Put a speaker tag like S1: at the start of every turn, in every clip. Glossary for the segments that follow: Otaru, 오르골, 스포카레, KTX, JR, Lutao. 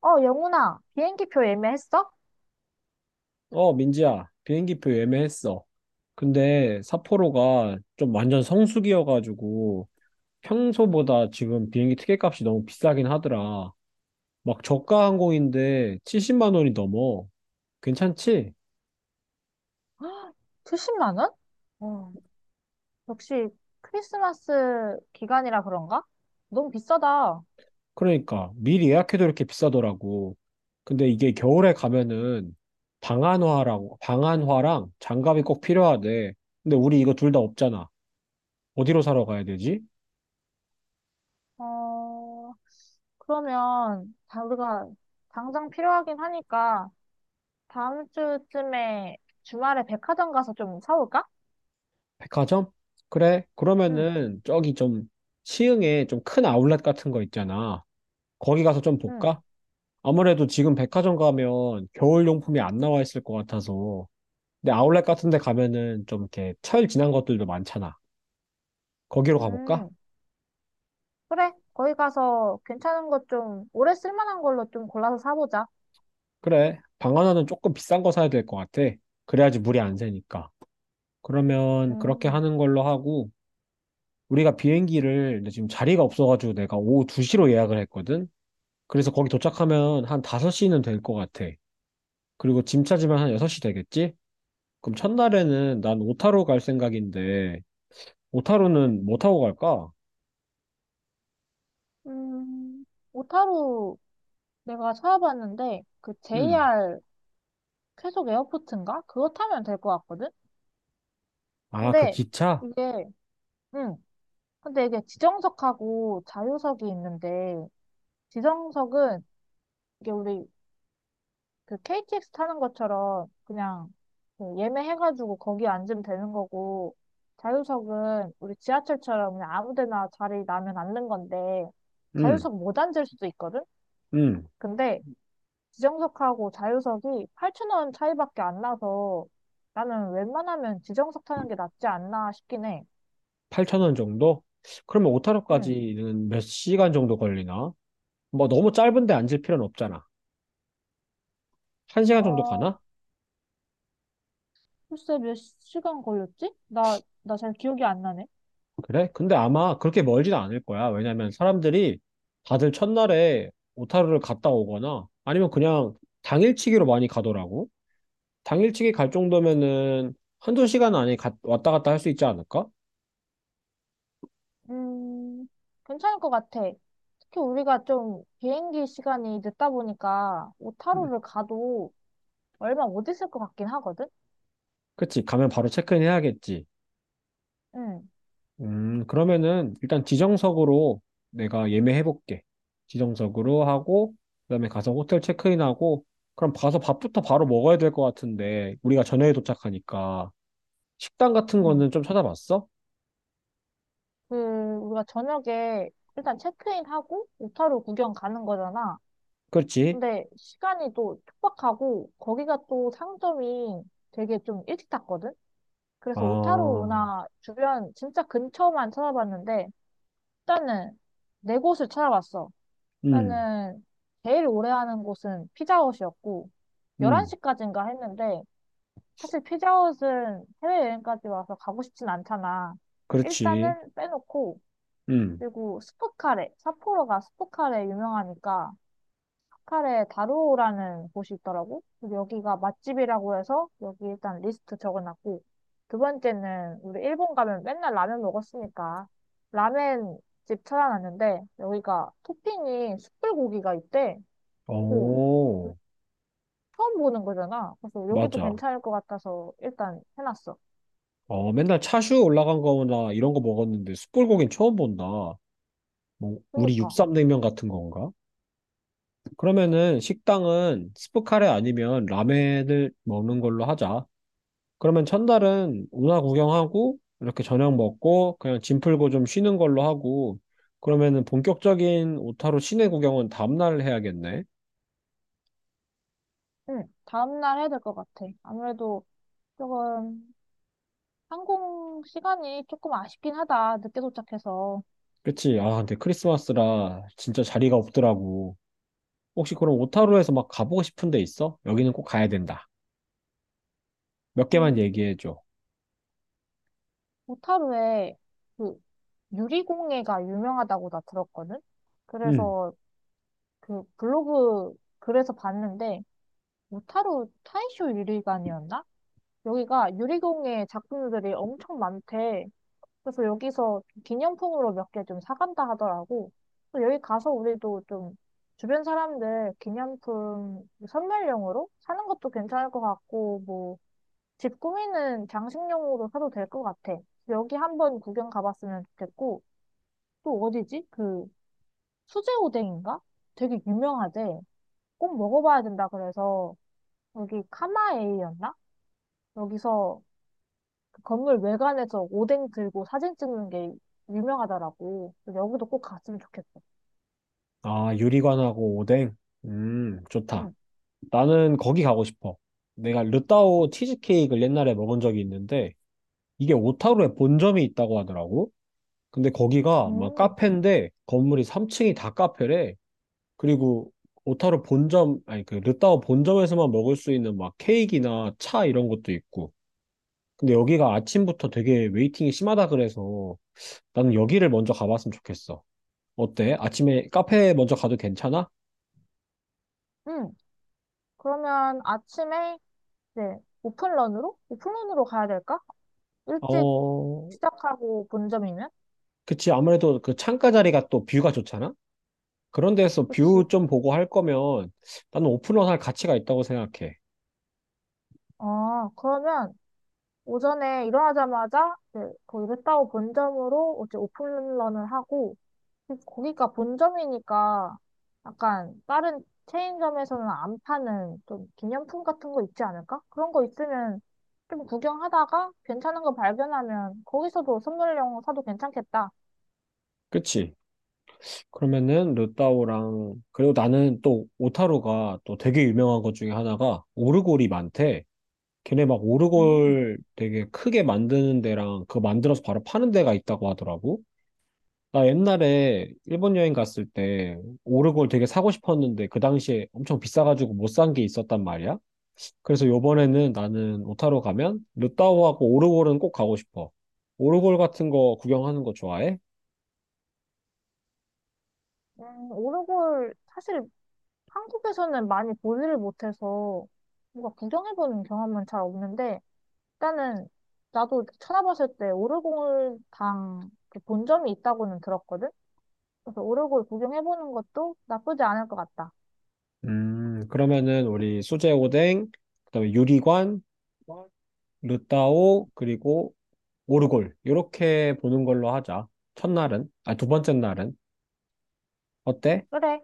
S1: 어, 영훈아, 비행기 표 예매했어?
S2: 어, 민지야, 비행기표 예매했어. 근데 삿포로가 좀 완전 성수기여가지고 평소보다 지금 비행기 티켓값이 너무 비싸긴 하더라. 막 저가 항공인데 70만 원이 넘어. 괜찮지?
S1: 70만 원? 어, 역시 크리스마스 기간이라 그런가? 너무 비싸다.
S2: 그러니까 미리 예약해도 이렇게 비싸더라고. 근데 이게 겨울에 가면은 방한화고 방한화랑 장갑이 꼭 필요하대. 근데 우리 이거 둘 다 없잖아. 어디로 사러 가야 되지?
S1: 어, 그러면 다 우리가 당장 필요하긴 하니까 다음 주쯤에 주말에 백화점 가서 좀 사올까?
S2: 백화점? 그래.
S1: 응,
S2: 그러면은 저기 좀 시흥에 좀 큰 아울렛 같은 거 있잖아. 거기 가서 좀
S1: 응,
S2: 볼까? 아무래도 지금 백화점 가면 겨울 용품이 안 나와 있을 것 같아서. 근데 아울렛 같은 데 가면은 좀 이렇게 철 지난 것들도 많잖아. 거기로 가볼까?
S1: 음, 그래. 거기 가서 괜찮은 것 좀, 오래 쓸만한 걸로 좀 골라서 사보자.
S2: 그래. 방 하나는 조금 비싼 거 사야 될 것 같아. 그래야지 물이 안 새니까. 그러면 그렇게
S1: 음,
S2: 하는 걸로 하고 우리가 비행기를 근데 지금 자리가 없어가지고 내가 오후 2시로 예약을 했거든. 그래서 거기 도착하면 한 5시는 될 것 같아. 그리고 짐 차지만 한 6시 되겠지? 그럼 첫날에는 난 오타로 갈 생각인데, 오타로는 뭐 타고 갈까?
S1: 음, 오타루 내가 찾아봤는데 그
S2: 음.
S1: JR 쾌속 에어포트인가? 그거 타면 될 것 같거든?
S2: 아, 그
S1: 근데
S2: 기차?
S1: 이게 응. 근데 이게 지정석하고 자유석이 있는데 지정석은 이게 우리 그 KTX 타는 것처럼 그냥 그 예매해가지고 거기 앉으면 되는 거고 자유석은 우리 지하철처럼 그냥 아무 데나 자리 나면 앉는 건데
S2: 음,
S1: 자유석 못 앉을 수도 있거든?
S2: 음.
S1: 근데 지정석하고 자유석이 8,000원 차이밖에 안 나서 나는 웬만하면 지정석 타는 게 낫지 않나 싶긴 해.
S2: 8천원 정도? 그러면
S1: 응.
S2: 오타로까지는 몇 시간 정도 걸리나? 뭐 너무 짧은데 앉을 필요는 없잖아. 한시간 정도
S1: 어,
S2: 가나?
S1: 글쎄 몇 시간 걸렸지? 나 잘 기억이 안 나네.
S2: 그래? 근데 아마 그렇게 멀진 않을 거야. 왜냐면 사람들이 다들 첫날에 오타로를 갔다 오거나 아니면 그냥 당일치기로 많이 가더라고. 당일치기 갈 정도면은 한두 시간 안에 왔다 갔다 할 수 있지 않을까?
S1: 음, 괜찮을 것 같아. 특히 우리가 좀 비행기 시간이 늦다 보니까
S2: 음,
S1: 오타루를 가도 얼마 못 있을 것 같긴 하거든?
S2: 그치, 가면 바로 체크인 해야겠지.
S1: 응,
S2: 그러면은 일단 지정석으로 내가 예매해볼게. 지정석으로 하고, 그다음에 가서 호텔 체크인하고, 그럼 가서 밥부터 바로 먹어야 될 것 같은데, 우리가 저녁에 도착하니까. 식당 같은
S1: 응.
S2: 거는 좀 찾아봤어?
S1: 그, 우리가 저녁에 일단 체크인하고 오타루 구경 가는 거잖아.
S2: 그렇지.
S1: 근데 시간이 또 촉박하고 거기가 또 상점이 되게 좀 일찍 닫거든? 그래서 오타루
S2: 아,
S1: 나 주변 진짜 근처만 찾아봤는데 일단은 네 곳을 찾아봤어.
S2: 음,
S1: 일단은 제일 오래 하는 곳은 피자헛이었고
S2: 음,
S1: 11시까지인가 했는데 사실 피자헛은 해외여행까지 와서 가고 싶진 않잖아.
S2: 그렇지.
S1: 일단은 빼놓고
S2: 음,
S1: 그리고 스포카레, 삿포로가 스포카레 유명하니까 카에 다루오라는 곳이 있더라고. 그래서 여기가 맛집이라고 해서 여기 일단 리스트 적어놨고, 두 번째는 우리 일본 가면 맨날 라면 먹었으니까 라멘 집 찾아놨는데 여기가 토핑이 숯불고기가 있대. 오,
S2: 오,
S1: 처음 보는 거잖아. 그래서 여기도
S2: 맞아.
S1: 괜찮을 것 같아서 일단 해놨어.
S2: 어, 맨날 차슈 올라간 거나 이런 거 먹었는데 숯불고기는 처음 본다. 뭐, 우리
S1: 그니까,
S2: 육삼냉면 같은 건가? 그러면은 식당은 스프카레 아니면 라멘을 먹는 걸로 하자. 그러면 첫날은 운하 구경하고 이렇게 저녁 먹고 그냥 짐 풀고 좀 쉬는 걸로 하고 그러면은 본격적인 오타루 시내 구경은 다음날 해야겠네.
S1: 응, 다음날 해야 될 것 같아. 아무래도 조금 항공 시간이 조금 아쉽긴 하다. 늦게 도착해서.
S2: 그치? 아, 근데 크리스마스라 진짜 자리가 없더라고. 혹시 그럼 오타루에서 막 가보고 싶은 데 있어? 여기는 꼭 가야 된다. 몇 개만
S1: 음,
S2: 얘기해줘.
S1: 오타루에 그 유리공예가 유명하다고 나 들었거든?
S2: 음.
S1: 그래서 그 블로그 글에서 봤는데 오타루 타이쇼 유리관이었나? 여기가 유리공예 작품들이 엄청 많대. 그래서 여기서 기념품으로 몇 개 좀 사간다 하더라고. 그 여기 가서 우리도 좀 주변 사람들 기념품 선물용으로 사는 것도 괜찮을 것 같고 뭐 집 꾸미는 장식용으로 사도 될 것 같아. 여기 한번 구경 가봤으면 좋겠고, 또 어디지? 그 수제오뎅인가? 되게 유명하대. 꼭 먹어봐야 된다 그래서 여기 카마에이였나? 여기서 그 건물 외관에서 오뎅 들고 사진 찍는 게 유명하더라고. 그래서 여기도 꼭 갔으면 좋겠어.
S2: 아, 유리관하고 오뎅. 좋다.
S1: 응.
S2: 나는 거기 가고 싶어. 내가 르따오 치즈케이크를 옛날에 먹은 적이 있는데, 이게 오타루에 본점이 있다고 하더라고. 근데 거기가 막
S1: 음,
S2: 카페인데, 건물이 3층이 다 카페래. 그리고 오타루 본점, 아니, 그 르따오 본점에서만 먹을 수 있는 막 케이크나 차 이런 것도 있고. 근데 여기가 아침부터 되게 웨이팅이 심하다 그래서 나는 여기를 먼저 가봤으면 좋겠어. 어때? 아침에 카페 먼저 가도 괜찮아?
S1: 응. 그러면 아침에 이제 오픈런으로? 오픈런으로 가야 될까? 일찍
S2: 어,
S1: 시작하고 본점이면?
S2: 그치, 아무래도 그 창가 자리가 또 뷰가 좋잖아? 그런 데서 뷰
S1: 그치?
S2: 좀 보고 할 거면 나는 오픈런 할 가치가 있다고 생각해.
S1: 아, 그러면 오전에 일어나자마자 이제 거기 루타고 본점으로 이제 오픈런을 하고 거기가 본점이니까 약간 다른 체인점에서는 안 파는 좀 기념품 같은 거 있지 않을까? 그런 거 있으면 좀 구경하다가 괜찮은 거 발견하면 거기서도 선물용 사도 괜찮겠다.
S2: 그치? 그러면은 르따오랑, 그리고 나는 또 오타루가 또 되게 유명한 것 중에 하나가 오르골이 많대. 걔네 막
S1: 음.
S2: 오르골 되게 크게 만드는 데랑 그거 만들어서 바로 파는 데가 있다고 하더라고. 나 옛날에 일본 여행 갔을 때 오르골 되게 사고 싶었는데 그 당시에 엄청 비싸가지고 못 산 게 있었단 말이야. 그래서 요번에는 나는 오타로 가면 루타오하고 오르골은 꼭 가고 싶어. 오르골 같은 거 구경하는 거 좋아해?
S1: 오르골 사실 한국에서는 많이 보지를 못해서 뭔가 구경해보는 경험은 잘 없는데 일단은 나도 찾아봤을 때 오르골당 그 본점이 있다고는 들었거든? 그래서 오르골 구경해보는 것도 나쁘지 않을 것 같다.
S2: 그러면은 우리 수제 오뎅, 그다음에 유리관, 루타오, 그리고 오르골. 이렇게 보는 걸로 하자. 첫날은. 아, 두 번째 날은. 어때?
S1: 그래.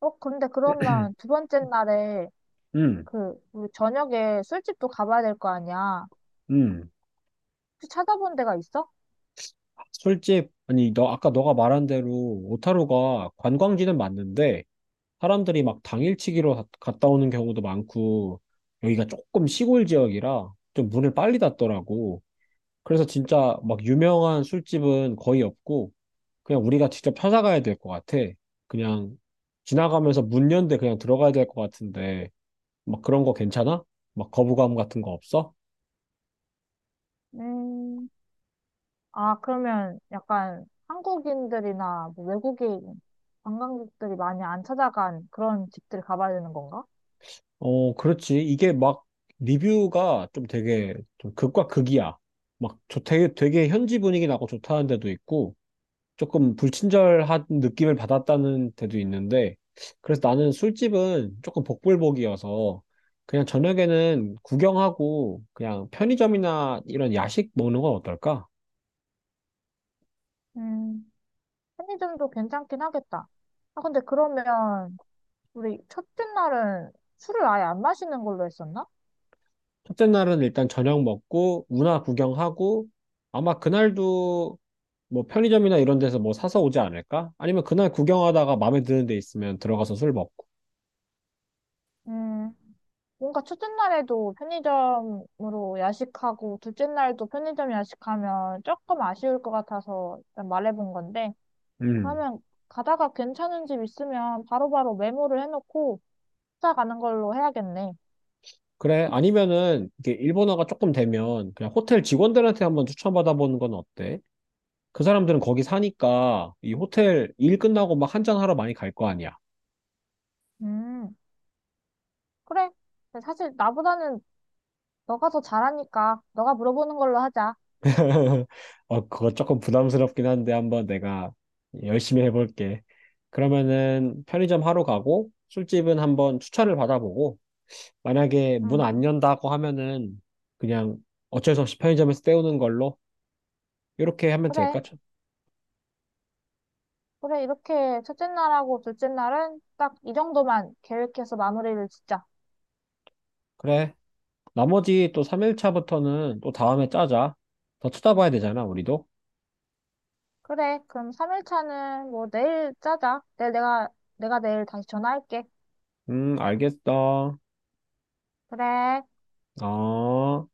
S1: 어, 근데 그러면 두 번째 날에
S2: 음,
S1: 그 우리 저녁에 술집도 가봐야 될 거 아니야.
S2: 음.
S1: 혹시 찾아본 데가 있어?
S2: 술집. 아니, 너 아까 너가 말한 대로 오타루가 관광지는 맞는데 사람들이 막 당일치기로 갔다 오는 경우도 많고, 여기가 조금 시골 지역이라 좀 문을 빨리 닫더라고. 그래서 진짜 막 유명한 술집은 거의 없고, 그냥 우리가 직접 찾아가야 될 것 같아. 그냥 지나가면서 문 연대 그냥 들어가야 될 것 같은데, 막 그런 거 괜찮아? 막 거부감 같은 거 없어?
S1: 음, 아, 그러면 약간 한국인들이나 뭐 외국인 관광객들이 많이 안 찾아간 그런 집들 가봐야 되는 건가?
S2: 어, 그렇지. 이게 막 리뷰가 좀 되게 좀 극과 극이야. 막 되게 현지 분위기 나고 좋다는 데도 있고, 조금 불친절한 느낌을 받았다는 데도 있는데, 그래서 나는 술집은 조금 복불복이어서, 그냥 저녁에는 구경하고, 그냥 편의점이나 이런 야식 먹는 건 어떨까?
S1: 음, 편의점도 괜찮긴 하겠다. 아, 근데 그러면 우리 첫째 날은 술을 아예 안 마시는 걸로 했었나?
S2: 첫째 날은 일단 저녁 먹고, 운하 구경하고, 아마 그날도 뭐 편의점이나 이런 데서 뭐 사서 오지 않을까? 아니면 그날 구경하다가 마음에 드는 데 있으면 들어가서 술 먹고.
S1: 음, 뭔가 첫째 날에도 편의점으로 야식하고 둘째 날도 편의점 야식하면 조금 아쉬울 것 같아서 일단 말해본 건데,
S2: 음.
S1: 그러면 가다가 괜찮은 집 있으면 바로바로 메모를 해놓고 찾아가는 걸로 해야겠네.
S2: 그래, 아니면은, 이게 일본어가 조금 되면, 그냥 호텔 직원들한테 한번 추천받아보는 건 어때? 그 사람들은 거기 사니까 이 호텔 일 끝나고 막 한잔하러 많이 갈 거 아니야.
S1: 음, 그래. 근데 사실 나보다는 너가 더 잘하니까 너가 물어보는 걸로 하자.
S2: 어, 그거 조금 부담스럽긴 한데 한번 내가 열심히 해볼게. 그러면은 편의점 하러 가고 술집은 한번 추천을 받아보고 만약에 문
S1: 음,
S2: 안 연다고 하면은 그냥 어쩔 수 없이 편의점에서 때우는 걸로 이렇게 하면
S1: 그래.
S2: 될까? 참,
S1: 그래, 이렇게 첫째 날하고 둘째 날은 딱 이 정도만 계획해서 마무리를 짓자.
S2: 그래. 나머지 또 3일차부터는 또 다음에 짜자. 더 쳐다봐야 되잖아, 우리도.
S1: 그래, 그럼 3일차는 뭐 내일 짜자. 내일 내가, 내가 내일 다시 전화할게.
S2: 알겠어.
S1: 그래.
S2: 어.